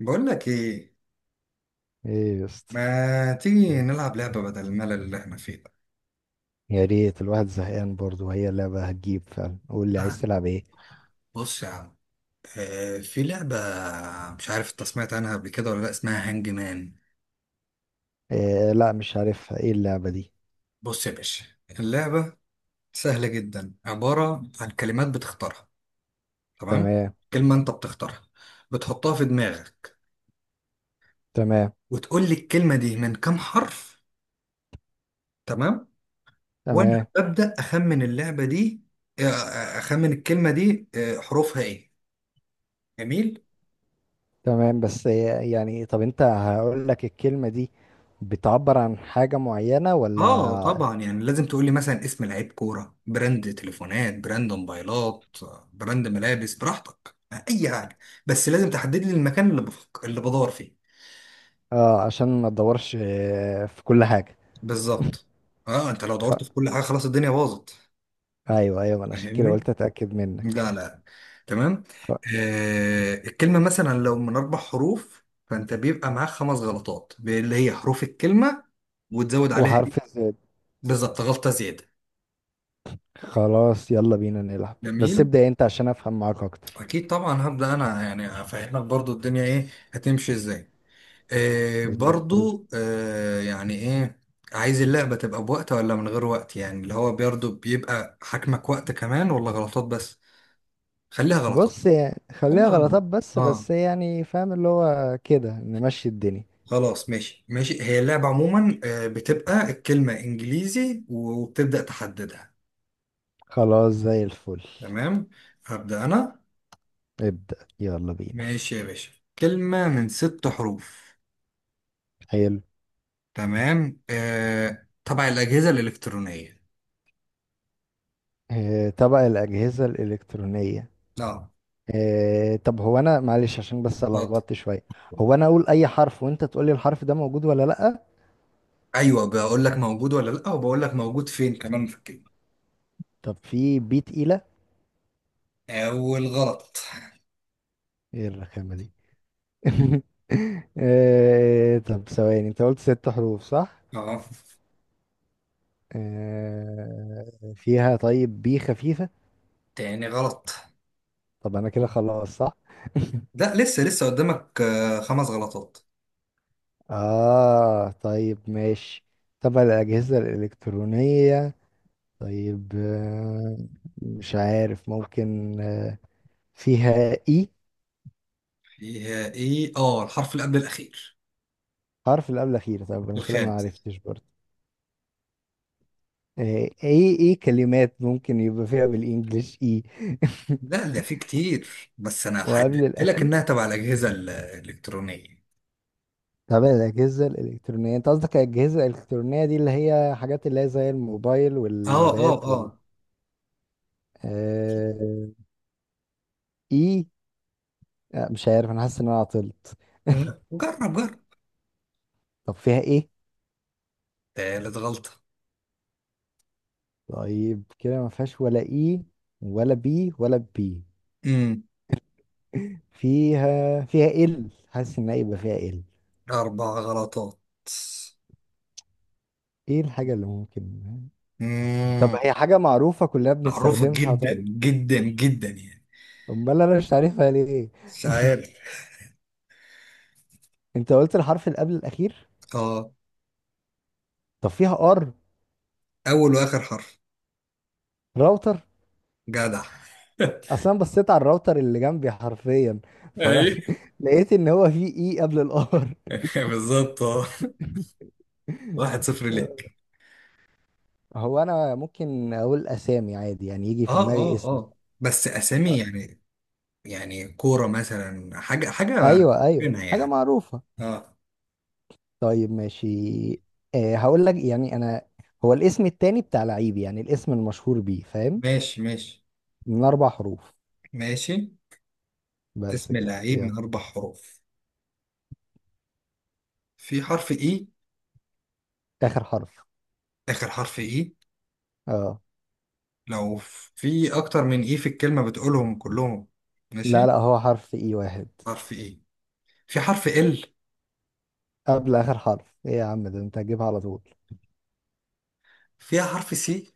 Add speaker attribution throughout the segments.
Speaker 1: بقول لك ايه؟
Speaker 2: ايه يا اسطى.
Speaker 1: ما تيجي نلعب لعبة بدل الملل اللي احنا فيه ده؟
Speaker 2: يا ريت الواحد زهقان برضه، وهي اللعبة هتجيب فعلا، قول لي عايز
Speaker 1: تعال.
Speaker 2: تلعب ايه؟
Speaker 1: بص يا عم. في لعبة، مش عارف انت سمعت عنها قبل كده ولا لا، اسمها هانج مان.
Speaker 2: إيه، لا مش عارفها، ايه اللعبة دي؟
Speaker 1: بص يا باشا، اللعبة سهلة جدا، عبارة عن كلمات بتختارها. تمام.
Speaker 2: تمام.
Speaker 1: كلمة انت بتختارها، بتحطها في دماغك،
Speaker 2: تمام.
Speaker 1: وتقول لي الكلمة دي من كام حرف. تمام. وانا
Speaker 2: تمام.
Speaker 1: ببدأ اخمن اللعبة دي. اخمن الكلمة دي حروفها ايه. جميل.
Speaker 2: تمام. بس إيه يعني؟ طب انت هقول لك الكلمة دي بتعبر عن حاجة معينة ولا؟
Speaker 1: اه طبعا، يعني لازم تقولي مثلا اسم لعيب كورة، براند تليفونات، براند موبايلات، براند ملابس، براحتك، اي حاجة. بس لازم تحدد لي المكان اللي بدور فيه.
Speaker 2: اه، عشان ما تدورش في كل حاجة.
Speaker 1: بالظبط. اه انت لو
Speaker 2: خ...
Speaker 1: دورت في كل حاجة خلاص الدنيا باظت.
Speaker 2: ايوه، ايوه، ما انا عشان كده
Speaker 1: فاهمني.
Speaker 2: قلت اتأكد منك.
Speaker 1: لا لا. تمام.
Speaker 2: خ...
Speaker 1: الكلمة مثلا لو من اربع حروف، فانت بيبقى معاك خمس غلطات اللي هي حروف الكلمة، وتزود عليها إيه؟
Speaker 2: وحرف الزد.
Speaker 1: بالظبط، غلطة زيادة.
Speaker 2: خلاص، يلا بينا نلعب، بس
Speaker 1: جميل.
Speaker 2: ابدأ انت عشان افهم معاك اكتر.
Speaker 1: اكيد طبعا، هبدا انا يعني افهمك برضو الدنيا ايه هتمشي ازاي. إيه
Speaker 2: زي الفل.
Speaker 1: برضو إيه يعني ايه. عايز اللعبه تبقى بوقت ولا من غير وقت؟ يعني اللي هو برضو بيبقى حكمك وقت كمان ولا غلطات بس. خليها غلطات.
Speaker 2: بص يعني خليها
Speaker 1: خليها غلطات.
Speaker 2: غلطات، بس
Speaker 1: اه.
Speaker 2: بس يعني فاهم اللي هو كده نمشي الدنيا.
Speaker 1: خلاص، ماشي ماشي، هي اللعبه عموما بتبقى الكلمه انجليزي وبتبدا تحددها.
Speaker 2: خلاص، زي الفل.
Speaker 1: تمام. هبدا انا.
Speaker 2: ابدأ، يلا بينا.
Speaker 1: ماشي يا باشا، كلمه من ست حروف.
Speaker 2: حلو.
Speaker 1: تمام. طبعا الأجهزة الإلكترونية.
Speaker 2: آه، طبق الأجهزة الإلكترونية.
Speaker 1: اه.
Speaker 2: آه، طب هو أنا معلش عشان بس
Speaker 1: اتفضل.
Speaker 2: لخبطت شوية. هو أنا أقول أي حرف وأنت تقول لي الحرف ده موجود ولا لأ؟
Speaker 1: أيوه، بقول لك موجود ولا لأ، وبقول لك موجود فين كمان في الكلمة.
Speaker 2: طب، في بي تقيلة؟
Speaker 1: أول غلط.
Speaker 2: إيه الرخامة دي؟ آه، طب ثواني، أنت قلت 6 حروف صح؟
Speaker 1: أه.
Speaker 2: آه، فيها. طيب، بي خفيفة؟
Speaker 1: تاني غلط.
Speaker 2: طب انا كده خلاص صح؟
Speaker 1: لا لسه لسه قدامك خمس غلطات.
Speaker 2: اه، طيب ماشي. تبع الاجهزة الالكترونية. طيب، مش عارف ممكن فيها اي؟
Speaker 1: فيها إيه؟ أه، الحرف اللي قبل الأخير.
Speaker 2: حرف اللي قبل الاخير؟ طب انا كده ما
Speaker 1: الخامس.
Speaker 2: عرفتش برضه. آه، ايه، ايه كلمات ممكن يبقى فيها بالانجلش اي؟
Speaker 1: لا ده في كتير، بس أنا
Speaker 2: وقبل
Speaker 1: حددت لك
Speaker 2: الاخير.
Speaker 1: إنها تبع الأجهزة الإلكترونية.
Speaker 2: تبع الاجهزه الالكترونيه، انت قصدك الاجهزه الالكترونيه دي اللي هي حاجات اللي هي زي الموبايل
Speaker 1: أه أه
Speaker 2: واللابات وال...
Speaker 1: أه.
Speaker 2: آه، اي. مش عارف، انا حاسس ان انا عطلت.
Speaker 1: جرب جرب.
Speaker 2: طب فيها ايه؟
Speaker 1: تالت غلطة.
Speaker 2: طيب كده ما فيهاش ولا اي؟ ولا بي ولا بي؟
Speaker 1: امم.
Speaker 2: فيها ال، حاسس ان هيبقى فيها ال.
Speaker 1: أربع غلطات.
Speaker 2: ايه الحاجة اللي ممكن؟ طب
Speaker 1: مم.
Speaker 2: هي حاجة معروفة كلنا
Speaker 1: معروفة
Speaker 2: بنستخدمها؟
Speaker 1: جدا
Speaker 2: طيب،
Speaker 1: جدا جدا يعني.
Speaker 2: امال انا مش عارفها ليه؟
Speaker 1: مش عارف.
Speaker 2: انت قلت الحرف اللي قبل الاخير.
Speaker 1: اه.
Speaker 2: طب فيها ار؟
Speaker 1: أول وآخر حرف.
Speaker 2: راوتر.
Speaker 1: جدع.
Speaker 2: اصلا بصيت على الراوتر اللي جنبي حرفيا،
Speaker 1: اي.
Speaker 2: فلقيت ان هو فيه اي قبل الار.
Speaker 1: بالظبط، اه. 1-0 ليك.
Speaker 2: هو انا ممكن اقول اسامي عادي، يعني يجي في
Speaker 1: اه
Speaker 2: دماغي
Speaker 1: اه
Speaker 2: اسم؟
Speaker 1: اه. بس أسامي يعني، يعني كورة مثلا، حاجة حاجة
Speaker 2: ايوه، ايوه،
Speaker 1: فينها
Speaker 2: حاجه
Speaker 1: يعني.
Speaker 2: معروفه.
Speaker 1: اه.
Speaker 2: طيب ماشي. أه، هقول لك يعني انا هو الاسم التاني بتاع لعيب، يعني الاسم المشهور بيه، فاهم؟
Speaker 1: ماشي ماشي
Speaker 2: من 4 حروف.
Speaker 1: ماشي.
Speaker 2: بس
Speaker 1: اسم
Speaker 2: كده
Speaker 1: لعيب من
Speaker 2: يلا.
Speaker 1: أربع حروف. في حرف إي.
Speaker 2: اخر حرف.
Speaker 1: آخر حرف إي.
Speaker 2: اه.
Speaker 1: لو في أكتر من إي في الكلمة بتقولهم كلهم. ماشي.
Speaker 2: لا، لا، هو حرف اي واحد.
Speaker 1: حرف إي. في حرف ال.
Speaker 2: قبل اخر حرف ايه؟ يا عم ده انت هتجيبها على طول.
Speaker 1: فيها حرف سي.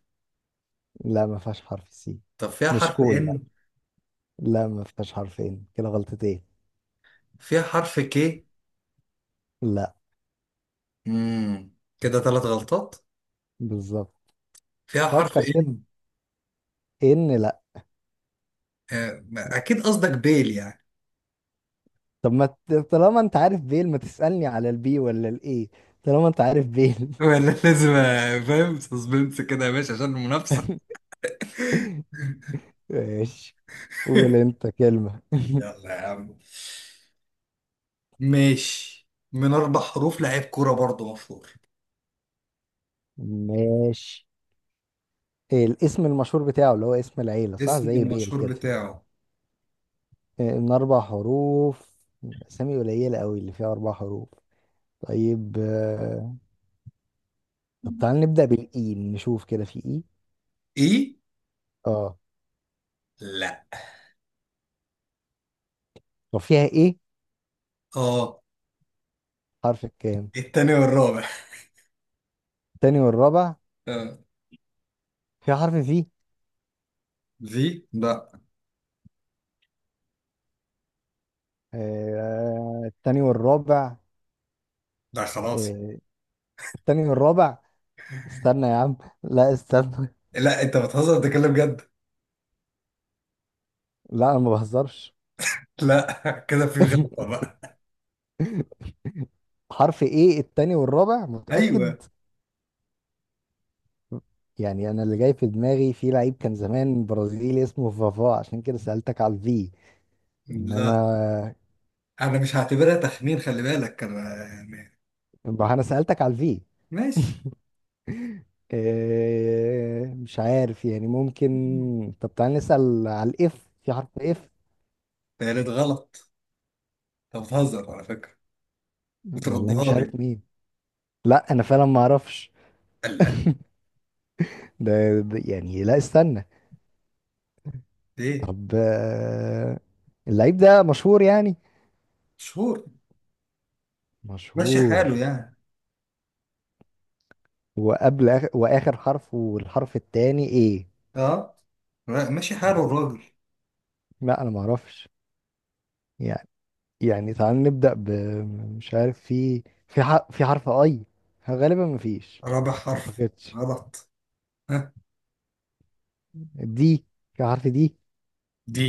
Speaker 2: لا، ما فيهاش حرف سي.
Speaker 1: طب فيها
Speaker 2: مش
Speaker 1: حرف
Speaker 2: كول، لا.
Speaker 1: ان.
Speaker 2: لا، ما فيهاش حرفين، كده غلطتين.
Speaker 1: فيها حرف كي.
Speaker 2: لا.
Speaker 1: كده ثلاث غلطات.
Speaker 2: بالظبط.
Speaker 1: فيها حرف
Speaker 2: فكر كده.
Speaker 1: ان.
Speaker 2: ان، لا.
Speaker 1: اكيد قصدك بيل يعني.
Speaker 2: طب ما ت- طالما انت عارف بيل، ما تسألني على البي ولا الاي؟ طالما انت عارف بيل.
Speaker 1: ولا لازم، فاهم سسبنس كده يا باشا عشان المنافسة.
Speaker 2: ماشي. قول انت كلمة.
Speaker 1: يلا يا عم. ماشي، من اربع حروف لعيب كورة برضه مشهور.
Speaker 2: ماشي. إيه الاسم المشهور بتاعه اللي هو اسم العيلة صح
Speaker 1: اسم
Speaker 2: زي بيل
Speaker 1: المشهور
Speaker 2: كده؟
Speaker 1: بتاعه.
Speaker 2: إيه من 4 حروف. أسامي قليلة قوي اللي فيها 4 حروف. طيب، طب تعال نبدأ بالإي، نشوف كده في إي.
Speaker 1: اي.
Speaker 2: اه.
Speaker 1: لا.
Speaker 2: طب فيها إيه؟
Speaker 1: اه.
Speaker 2: حرف الكام؟
Speaker 1: التاني والرابع.
Speaker 2: التاني والرابع.
Speaker 1: اه.
Speaker 2: فيها حرف في؟
Speaker 1: في. لا.
Speaker 2: التاني والرابع.
Speaker 1: لا خلاص.
Speaker 2: آه، التاني والرابع. استنى يا عم، لا استنى.
Speaker 1: لا، انت بتهزر ده كلام جد.
Speaker 2: لا، انا ما بهزرش.
Speaker 1: لا. كده في غلطة بقى.
Speaker 2: حرف ايه التاني والرابع، متأكد؟
Speaker 1: ايوه.
Speaker 2: يعني انا اللي جاي في دماغي في لعيب كان زمان برازيلي اسمه فافا، عشان كده سألتك على الفي.
Speaker 1: لا،
Speaker 2: انما،
Speaker 1: انا مش هعتبرها تخمين، خلي بالك انا يعني.
Speaker 2: ما انا سألتك على الفي.
Speaker 1: ماشي.
Speaker 2: إيه مش عارف يعني، ممكن. طب تعالى نسأل على الاف، في حرف اف؟
Speaker 1: تالت غلط. انت بتهزر على فكرة،
Speaker 2: والله
Speaker 1: بتردها
Speaker 2: مش عارف
Speaker 1: لي.
Speaker 2: مين. لا انا فعلا ما اعرفش.
Speaker 1: لا.
Speaker 2: ده... يعني لا، استنى.
Speaker 1: ليه؟
Speaker 2: طب، اللعيب ده مشهور يعني؟
Speaker 1: شهور. ماشي حاله
Speaker 2: مشهور.
Speaker 1: يعني.
Speaker 2: وقبل آخر واخر حرف والحرف التاني ايه؟
Speaker 1: اه. لا، ماشي حاله الراجل.
Speaker 2: لا، انا ما اعرفش يعني. يعني تعال نبدأ ب... مش عارف في حرف اي؟ غالبا ما فيش.
Speaker 1: رابع
Speaker 2: ما
Speaker 1: حرف.
Speaker 2: اعتقدش.
Speaker 1: غلط. ها.
Speaker 2: دي؟ في حرف دي.
Speaker 1: دي.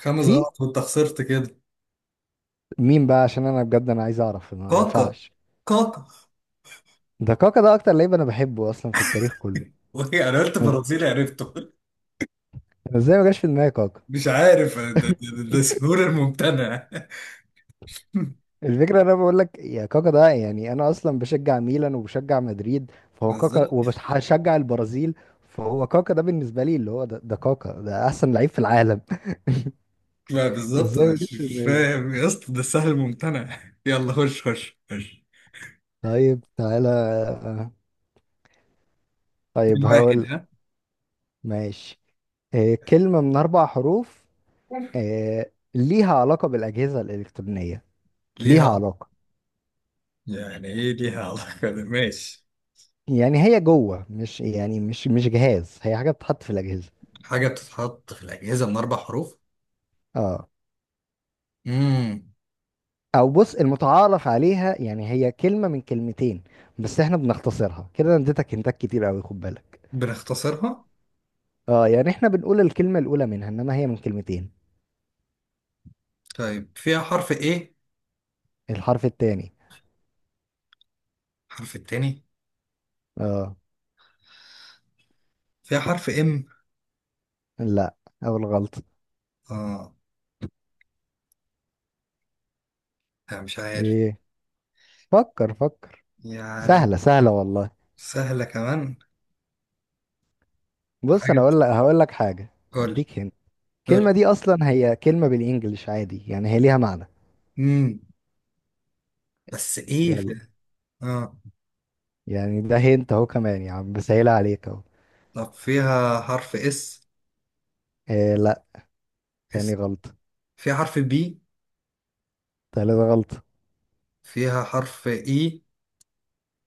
Speaker 1: خامس
Speaker 2: في...
Speaker 1: غلط وانت خسرت كده.
Speaker 2: مين بقى؟ عشان انا بجد انا عايز اعرف، ما
Speaker 1: كاكا.
Speaker 2: ينفعش.
Speaker 1: كاكا.
Speaker 2: ده كاكا، ده اكتر لعيب انا بحبه اصلا في التاريخ كله.
Speaker 1: وهي انا قلت
Speaker 2: أنا إز-
Speaker 1: برازيلي عرفته.
Speaker 2: أنا ازاي ما جاش في دماغي كاكا؟
Speaker 1: مش عارف، ده سهول الممتنع.
Speaker 2: الفكرة انا بقول لك يا كاكا، ده يعني انا اصلا بشجع ميلان وبشجع مدريد فهو كاكا،
Speaker 1: بالظبط.
Speaker 2: وبشجع البرازيل فهو كاكا، ده بالنسبة لي اللي هو ده كاكا، ده احسن لعيب في العالم.
Speaker 1: ما بالظبط،
Speaker 2: ازاي ما
Speaker 1: مش
Speaker 2: جتش في
Speaker 1: مش
Speaker 2: دماغي؟
Speaker 1: فاهم يا اسطى، ده سهل ممتنع. يلا، خش خش خش.
Speaker 2: طيب تعالى.
Speaker 1: اتنين
Speaker 2: طيب هقول
Speaker 1: واحد
Speaker 2: لك.
Speaker 1: ها.
Speaker 2: ماشي. كلمة من 4 حروف. ليها علاقة بالاجهزة الالكترونية.
Speaker 1: ليها
Speaker 2: ليها
Speaker 1: علاقة-
Speaker 2: علاقة.
Speaker 1: يعني ايه ليها علاقة؟ ده ماشي.
Speaker 2: يعني هي جوه، مش يعني مش جهاز، هي حاجة بتتحط في الاجهزة.
Speaker 1: حاجة بتتحط في الأجهزة من أربع حروف.
Speaker 2: اه.
Speaker 1: امم.
Speaker 2: او بص، المتعارف عليها يعني هي كلمة من كلمتين، بس احنا بنختصرها كده، انا اديتك هنتات كتير قوي، خد بالك.
Speaker 1: بنختصرها.
Speaker 2: اه يعني احنا بنقول الكلمة الاولى منها، انما هي من كلمتين.
Speaker 1: طيب، فيها حرف ايه؟
Speaker 2: الحرف التاني.
Speaker 1: حرف التاني.
Speaker 2: اه.
Speaker 1: فيها حرف ام.
Speaker 2: لا. اول غلطة.
Speaker 1: اه. لا مش عارف،
Speaker 2: ايه؟ فكر، فكر.
Speaker 1: يعني،
Speaker 2: سهلة، سهلة والله.
Speaker 1: سهلة كمان.
Speaker 2: بص
Speaker 1: حاجة
Speaker 2: انا
Speaker 1: بت-
Speaker 2: اقول لك هقول لك حاجة.
Speaker 1: قول.
Speaker 2: اديك هنا. الكلمة
Speaker 1: قول.
Speaker 2: دي اصلا هي كلمة بالانجلش عادي، يعني هي ليها معنى.
Speaker 1: امم. بس ايه
Speaker 2: يلا.
Speaker 1: في. اه.
Speaker 2: يعني ده هنت اهو كمان يا عم، بسهلها عليك اهو.
Speaker 1: طب فيها حرف اس.
Speaker 2: إيه لا، تاني
Speaker 1: اس.
Speaker 2: غلطة.
Speaker 1: فيها حرف بي.
Speaker 2: تالت غلطة.
Speaker 1: فيها حرف اي.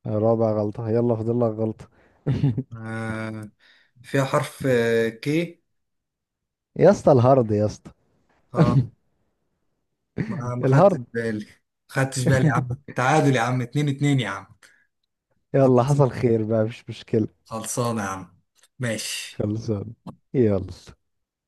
Speaker 2: رابع غلطة، يلا فاضل لك غلطة.
Speaker 1: آه. فيها حرف كي.
Speaker 2: يا اسطى الهارد، يا اسطى.
Speaker 1: اه. ما خدتش
Speaker 2: الهارد.
Speaker 1: بالي، ما خدتش بالي يا عم. تعادل يا عم، 2-2 يا عم.
Speaker 2: يلا،
Speaker 1: خلص-
Speaker 2: حصل خير بقى، مش مشكلة.
Speaker 1: خلصانة يا عم. ماشي.
Speaker 2: خلصان. يلا.